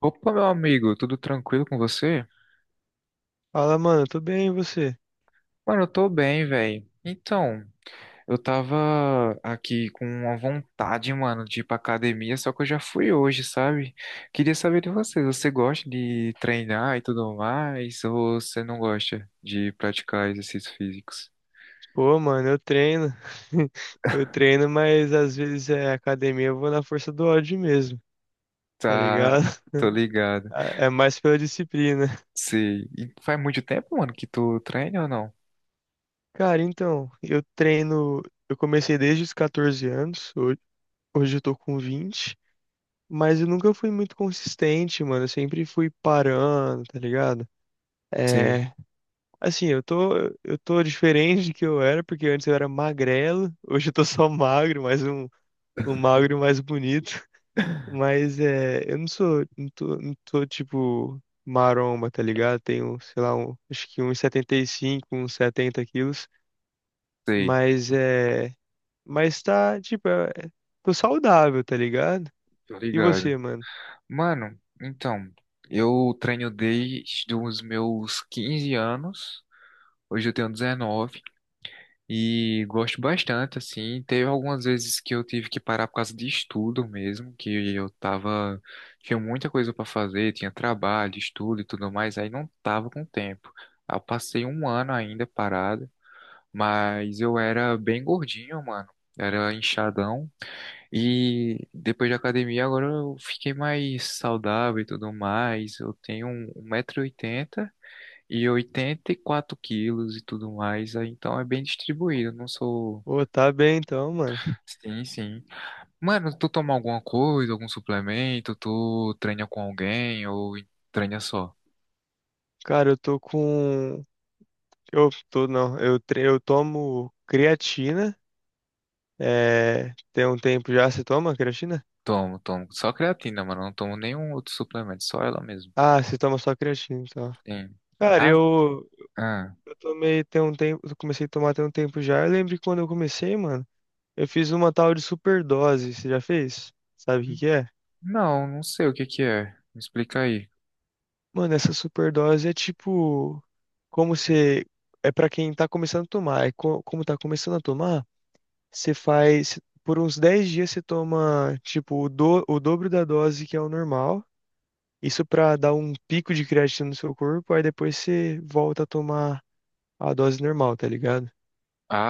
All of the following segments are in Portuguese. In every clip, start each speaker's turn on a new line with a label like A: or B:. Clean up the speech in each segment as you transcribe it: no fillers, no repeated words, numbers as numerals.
A: Opa, meu amigo, tudo tranquilo com você?
B: Fala, mano, tô bem, e você?
A: Mano, eu tô bem, velho. Então, eu tava aqui com uma vontade, mano, de ir pra academia, só que eu já fui hoje, sabe? Queria saber de você, você gosta de treinar e tudo mais, ou você não gosta de praticar exercícios físicos?
B: Pô, mano, eu treino. Eu treino, mas às vezes é academia, eu vou na força do ódio mesmo, tá
A: Tá,
B: ligado?
A: tô ligado.
B: É mais pela disciplina.
A: Sei. E faz muito tempo, mano, que tu treina ou não?
B: Cara, então, eu treino, eu comecei desde os 14 anos, hoje eu tô com 20, mas eu nunca fui muito consistente, mano, eu sempre fui parando, tá ligado?
A: Sei,
B: É, assim, eu tô diferente do que eu era, porque antes eu era magrelo, hoje eu tô só magro, um magro mais bonito. Mas eu não sou, não tô tipo maromba, tá ligado? Tenho, sei lá, um, acho que uns 75 uns 70 quilos,
A: sei,
B: mas é, mas tá, tipo, tô saudável, tá ligado?
A: tô
B: E
A: ligado.
B: você, mano?
A: Mano, então, eu treino desde os meus 15 anos, hoje eu tenho 19 e gosto bastante, assim. Teve algumas vezes que eu tive que parar por causa de estudo mesmo, tinha muita coisa pra fazer, tinha trabalho, estudo e tudo mais, aí não tava com tempo. Eu passei um ano ainda parado, mas eu era bem gordinho, mano, era inchadão. E depois da academia, agora eu fiquei mais saudável e tudo mais. Eu tenho um metro e 80, oitenta e 84 quilos e tudo mais. Aí Então é bem distribuído. Eu Não sou.
B: Ô, tá bem então, mano.
A: Sim, sim. Mano, tu toma alguma coisa, algum suplemento? Tu treina com alguém ou treina só?
B: Cara, eu tô com, eu tô, não, eu, tre- eu tomo creatina, tem um tempo já, você toma creatina?
A: Tomo, tomo. Só creatina, mano. Não tomo nenhum outro suplemento, só ela mesmo.
B: Ah, você toma só creatina, então.
A: Sim.
B: Cara,
A: Ah,
B: eu,
A: ah.
B: Tomei tem um tempo, eu comecei a tomar tem um tempo já. Eu lembro que quando eu comecei, mano, eu fiz uma tal de superdose. Você já fez? Sabe o que que é?
A: Não, não sei o que que é. Me explica aí.
B: Mano, essa superdose é tipo como você é pra quem tá começando a tomar. Como tá começando a tomar, você faz por uns 10 dias você toma o dobro da dose que é o normal. Isso pra dar um pico de creatina no seu corpo, aí depois você volta a tomar a dose normal, tá ligado?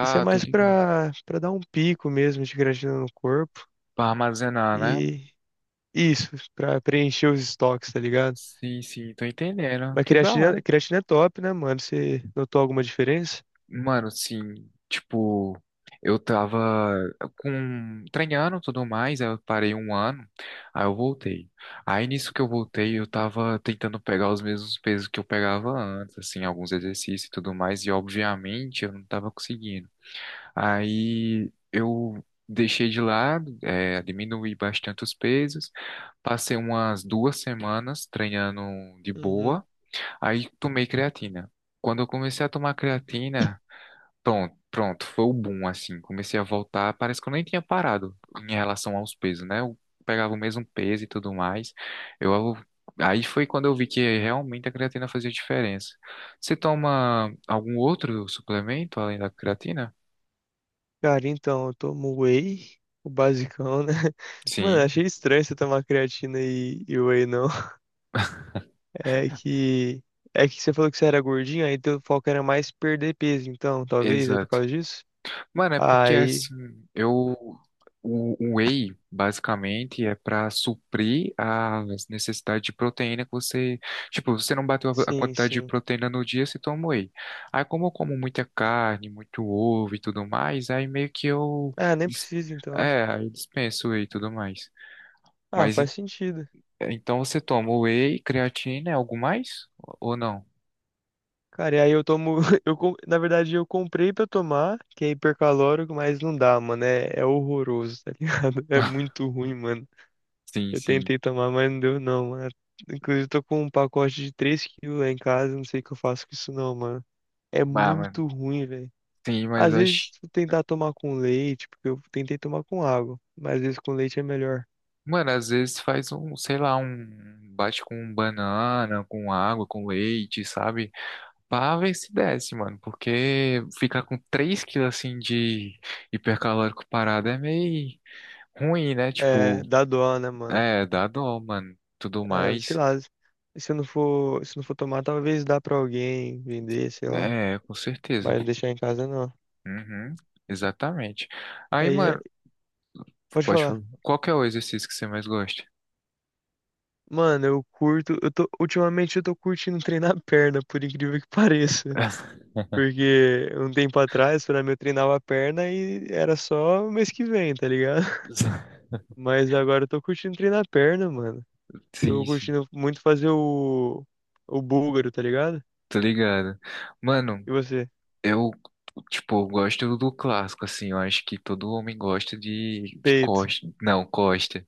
B: Isso é
A: tô
B: mais
A: ligado.
B: para dar um pico mesmo de creatina no corpo
A: Pra armazenar, né?
B: e isso, pra preencher os estoques, tá ligado?
A: Sim, sim, tô entendendo.
B: Mas
A: Que da hora.
B: creatina é top, né, mano? Você notou alguma diferença?
A: Mano, sim, tipo, eu tava com treinando e tudo mais, aí eu parei um ano, aí eu voltei. Aí nisso que eu voltei, eu tava tentando pegar os mesmos pesos que eu pegava antes, assim, alguns exercícios e tudo mais, e obviamente eu não tava conseguindo. Aí eu deixei de lado, diminuí bastante os pesos, passei umas 2 semanas treinando de
B: Uhum.
A: boa. Aí tomei creatina. Quando eu comecei a tomar creatina, pronto, foi o boom, assim. Comecei a voltar, parece que eu nem tinha parado em relação aos pesos, né? Eu pegava o mesmo peso e tudo mais. Eu, aí foi quando eu vi que realmente a creatina fazia diferença. Você toma algum outro suplemento além da creatina?
B: Cara, então, eu tomo whey, o basicão, né? Mano,
A: Sim,
B: achei estranho você tomar creatina e whey, não. É que. É que você falou que você era gordinho, aí teu foco era mais perder peso, então, talvez, é por
A: exato.
B: causa disso?
A: Mano, é porque
B: Aí,
A: assim, eu o whey basicamente é para suprir as necessidades de proteína que você, tipo, você não bateu a
B: sim,
A: quantidade de
B: sim.
A: proteína no dia, você toma whey. Aí como eu como muita carne, muito ovo e tudo mais, aí meio que eu
B: Ah, nem
A: dis-
B: preciso, então.
A: aí eu dispenso whey e tudo mais.
B: Ah,
A: Mas
B: faz sentido.
A: então você toma whey, creatina, é algo mais ou não?
B: Cara, e aí eu tomo. Na verdade, eu comprei pra tomar, que é hipercalórico, mas não dá, mano. É horroroso, tá ligado? É muito ruim, mano.
A: Sim,
B: Eu
A: sim.
B: tentei tomar, mas não deu, não, mano. Inclusive, eu tô com um pacote de 3 quilos lá em casa, não sei o que eu faço com isso, não, mano. É
A: Ah, mano,
B: muito ruim, velho.
A: sim, mas
B: Às
A: eu
B: vezes,
A: acho.
B: tu tentar tomar com leite, porque eu tentei tomar com água, mas às vezes com leite é melhor.
A: Mano, às vezes faz um, sei lá, um bate com banana, com água, com leite, sabe? Pra ver se desce, mano. Porque ficar com 3 quilos assim de hipercalórico parado é meio ruim, né? Tipo,
B: É, dá dó, né, mano?
A: é, dá dó, mano. Tudo
B: É, sei
A: mais.
B: lá, se eu não for tomar, talvez dá pra alguém vender, sei lá.
A: É, com certeza.
B: Mas deixar em casa não.
A: Uhum, exatamente. Aí,
B: Aí, é-
A: mano,
B: Pode
A: pode
B: falar.
A: falar. Qual que é o exercício que você mais gosta?
B: Mano, ultimamente eu tô curtindo treinar a perna, por incrível que pareça. Porque um tempo atrás, pra mim, eu treinava a perna e era só mês que vem, tá ligado? Mas agora eu tô curtindo treinar a perna, mano. Tô
A: Sim, sim.
B: curtindo muito fazer o búlgaro, tá ligado?
A: Tô ligado. Mano,
B: E você?
A: Eu, tipo, eu gosto do clássico, assim. Eu acho que todo homem gosta de
B: Peito.
A: Costa. Não, Costa.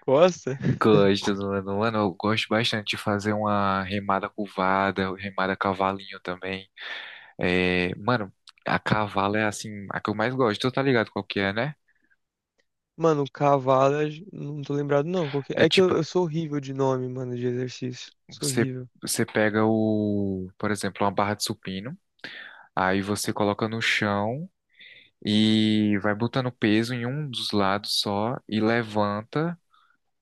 B: Costa?
A: Costa do Lano Lano. Eu gosto bastante de fazer uma remada curvada, remada cavalinho também. É, mano, a cavalo é, assim, a que eu mais gosto. Tu tá ligado qual que é, né?
B: Mano, cavalo, não tô lembrado não. Qual que
A: É
B: é? É que
A: tipo,
B: eu sou horrível de nome, mano, de exercício. Sou
A: você,
B: horrível.
A: você pega por exemplo, uma barra de supino. Aí você coloca no chão e vai botando peso em um dos lados só e levanta.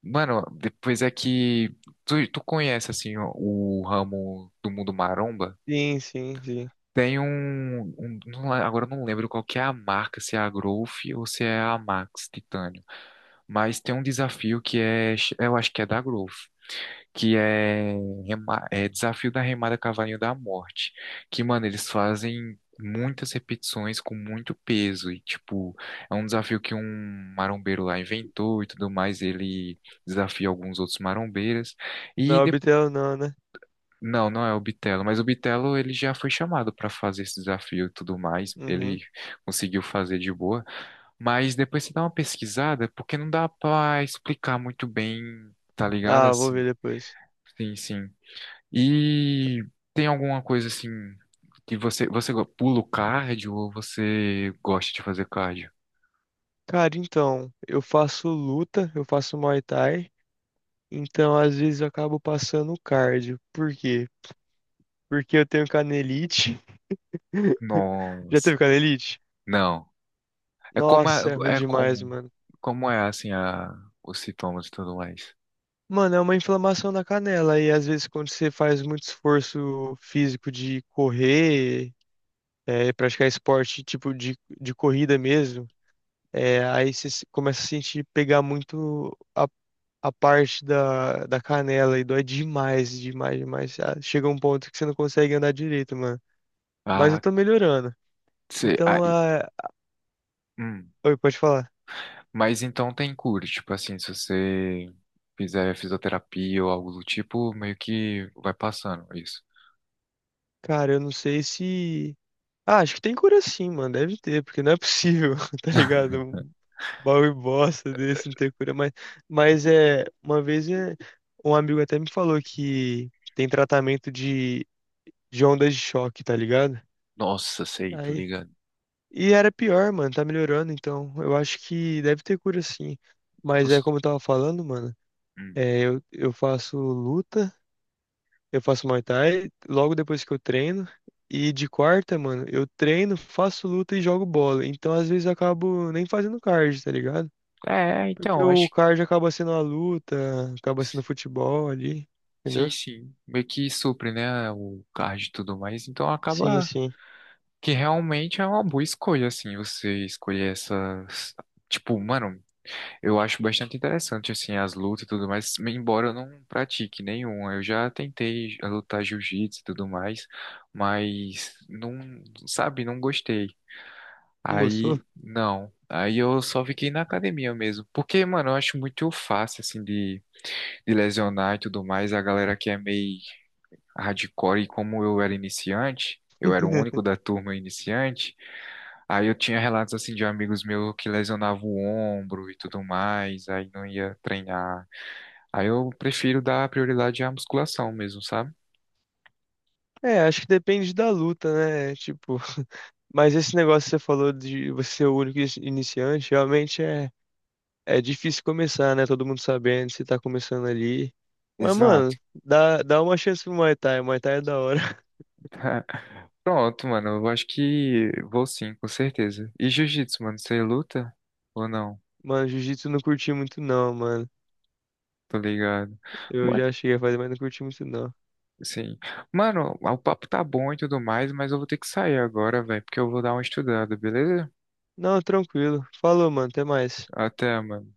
A: Mano, depois é que tu conhece assim o ramo do mundo maromba?
B: Sim, sim, sim.
A: Tem agora eu não lembro qual que é a marca, se é a Growth ou se é a Max Titânio, mas tem um desafio que é, eu acho que é da Growth, que é Desafio da Remada Cavalinho da Morte, que, mano, eles fazem muitas repetições com muito peso e, tipo, é um desafio que um marombeiro lá inventou e tudo mais, ele desafia alguns outros marombeiras e
B: Na
A: depois.
B: orbital não, né?
A: Não, não é o Bitelo, mas o Bitelo ele já foi chamado para fazer esse desafio e tudo mais. Ele
B: Uhum.
A: conseguiu fazer de boa, mas depois você dá uma pesquisada, porque não dá para explicar muito bem, tá ligado?
B: Ah, vou
A: Assim,
B: ver depois.
A: sim, sim. E tem alguma coisa assim que pula o cardio ou você gosta de fazer cardio?
B: Cara, então, eu faço luta, eu faço Muay Thai, então às vezes eu acabo passando cardio. Por quê? Porque eu tenho canelite. Já
A: Nossa,
B: teve canelite?
A: não. É como é,
B: Nossa, é ruim
A: é
B: demais,
A: como
B: mano.
A: como é assim os sintomas e tudo mais.
B: Mano, é uma inflamação na canela e às vezes quando você faz muito esforço físico de correr, praticar esporte tipo de corrida mesmo, aí você começa a sentir pegar muito a parte da canela e dói demais, demais, demais. Chega um ponto que você não consegue andar direito, mano. Mas eu
A: Ah,
B: tô melhorando.
A: você
B: Então,
A: aí,
B: ah,
A: hum.
B: Pode falar.
A: Mas então tem cura, tipo assim, se você fizer fisioterapia ou algo do tipo, meio que vai passando isso.
B: Cara, eu não sei se. Ah, acho que tem cura sim, mano. Deve ter, porque não é possível, tá ligado? Um baú bosta desse não ter cura. Mas é. Uma vez um amigo até me falou que tem tratamento de ondas de choque, tá ligado?
A: Nossa, sei, tô
B: Aí,
A: ligado.
B: e era pior, mano, tá melhorando, então eu acho que deve ter cura sim. Mas é
A: Cons-
B: como eu tava falando, mano,
A: hum.
B: eu faço luta, eu faço Muay Thai logo depois que eu treino. E de quarta, mano, eu treino, faço luta e jogo bola. Então às vezes eu acabo nem fazendo cardio, tá ligado?
A: É,
B: Porque
A: então,
B: o
A: acho.
B: cardio acaba sendo a luta, acaba sendo futebol ali,
A: Sim,
B: entendeu?
A: sim. Meio que supre, né, o card e tudo mais. Então
B: Sim,
A: acaba
B: sim.
A: que realmente é uma boa escolha, assim, você escolher essas. Tipo, mano, eu acho bastante interessante, assim, as lutas e tudo mais, embora eu não pratique nenhuma. Eu já tentei lutar jiu-jitsu e tudo mais, mas não, sabe, não gostei.
B: Não gostou?
A: Aí, não. Aí eu só fiquei na academia mesmo. Porque, mano, eu acho muito fácil, assim, de lesionar e tudo mais. A galera que é meio hardcore e como eu era iniciante, eu era o único da turma iniciante, aí eu tinha relatos assim de amigos meus que lesionavam o ombro e tudo mais, aí não ia treinar. Aí eu prefiro dar prioridade à musculação mesmo, sabe?
B: É, acho que depende da luta, né? Tipo. Mas esse negócio que você falou de você ser o único iniciante, realmente é, é difícil começar, né? Todo mundo sabendo, você tá começando ali. Mas,
A: Exato.
B: mano, dá uma chance pro Muay Thai. Muay Thai é da hora.
A: Pronto, mano, eu acho que vou sim, com certeza. E jiu-jitsu, mano, você luta ou não?
B: Mano, Jiu-Jitsu eu não curti muito não, mano.
A: Tô ligado.
B: Eu
A: Mano,
B: já cheguei a fazer, mas não curti muito não.
A: sim. Mano, o papo tá bom e tudo mais, mas eu vou ter que sair agora, velho, porque eu vou dar uma estudada, beleza?
B: Não, tranquilo. Falou, mano. Até mais.
A: Até, mano.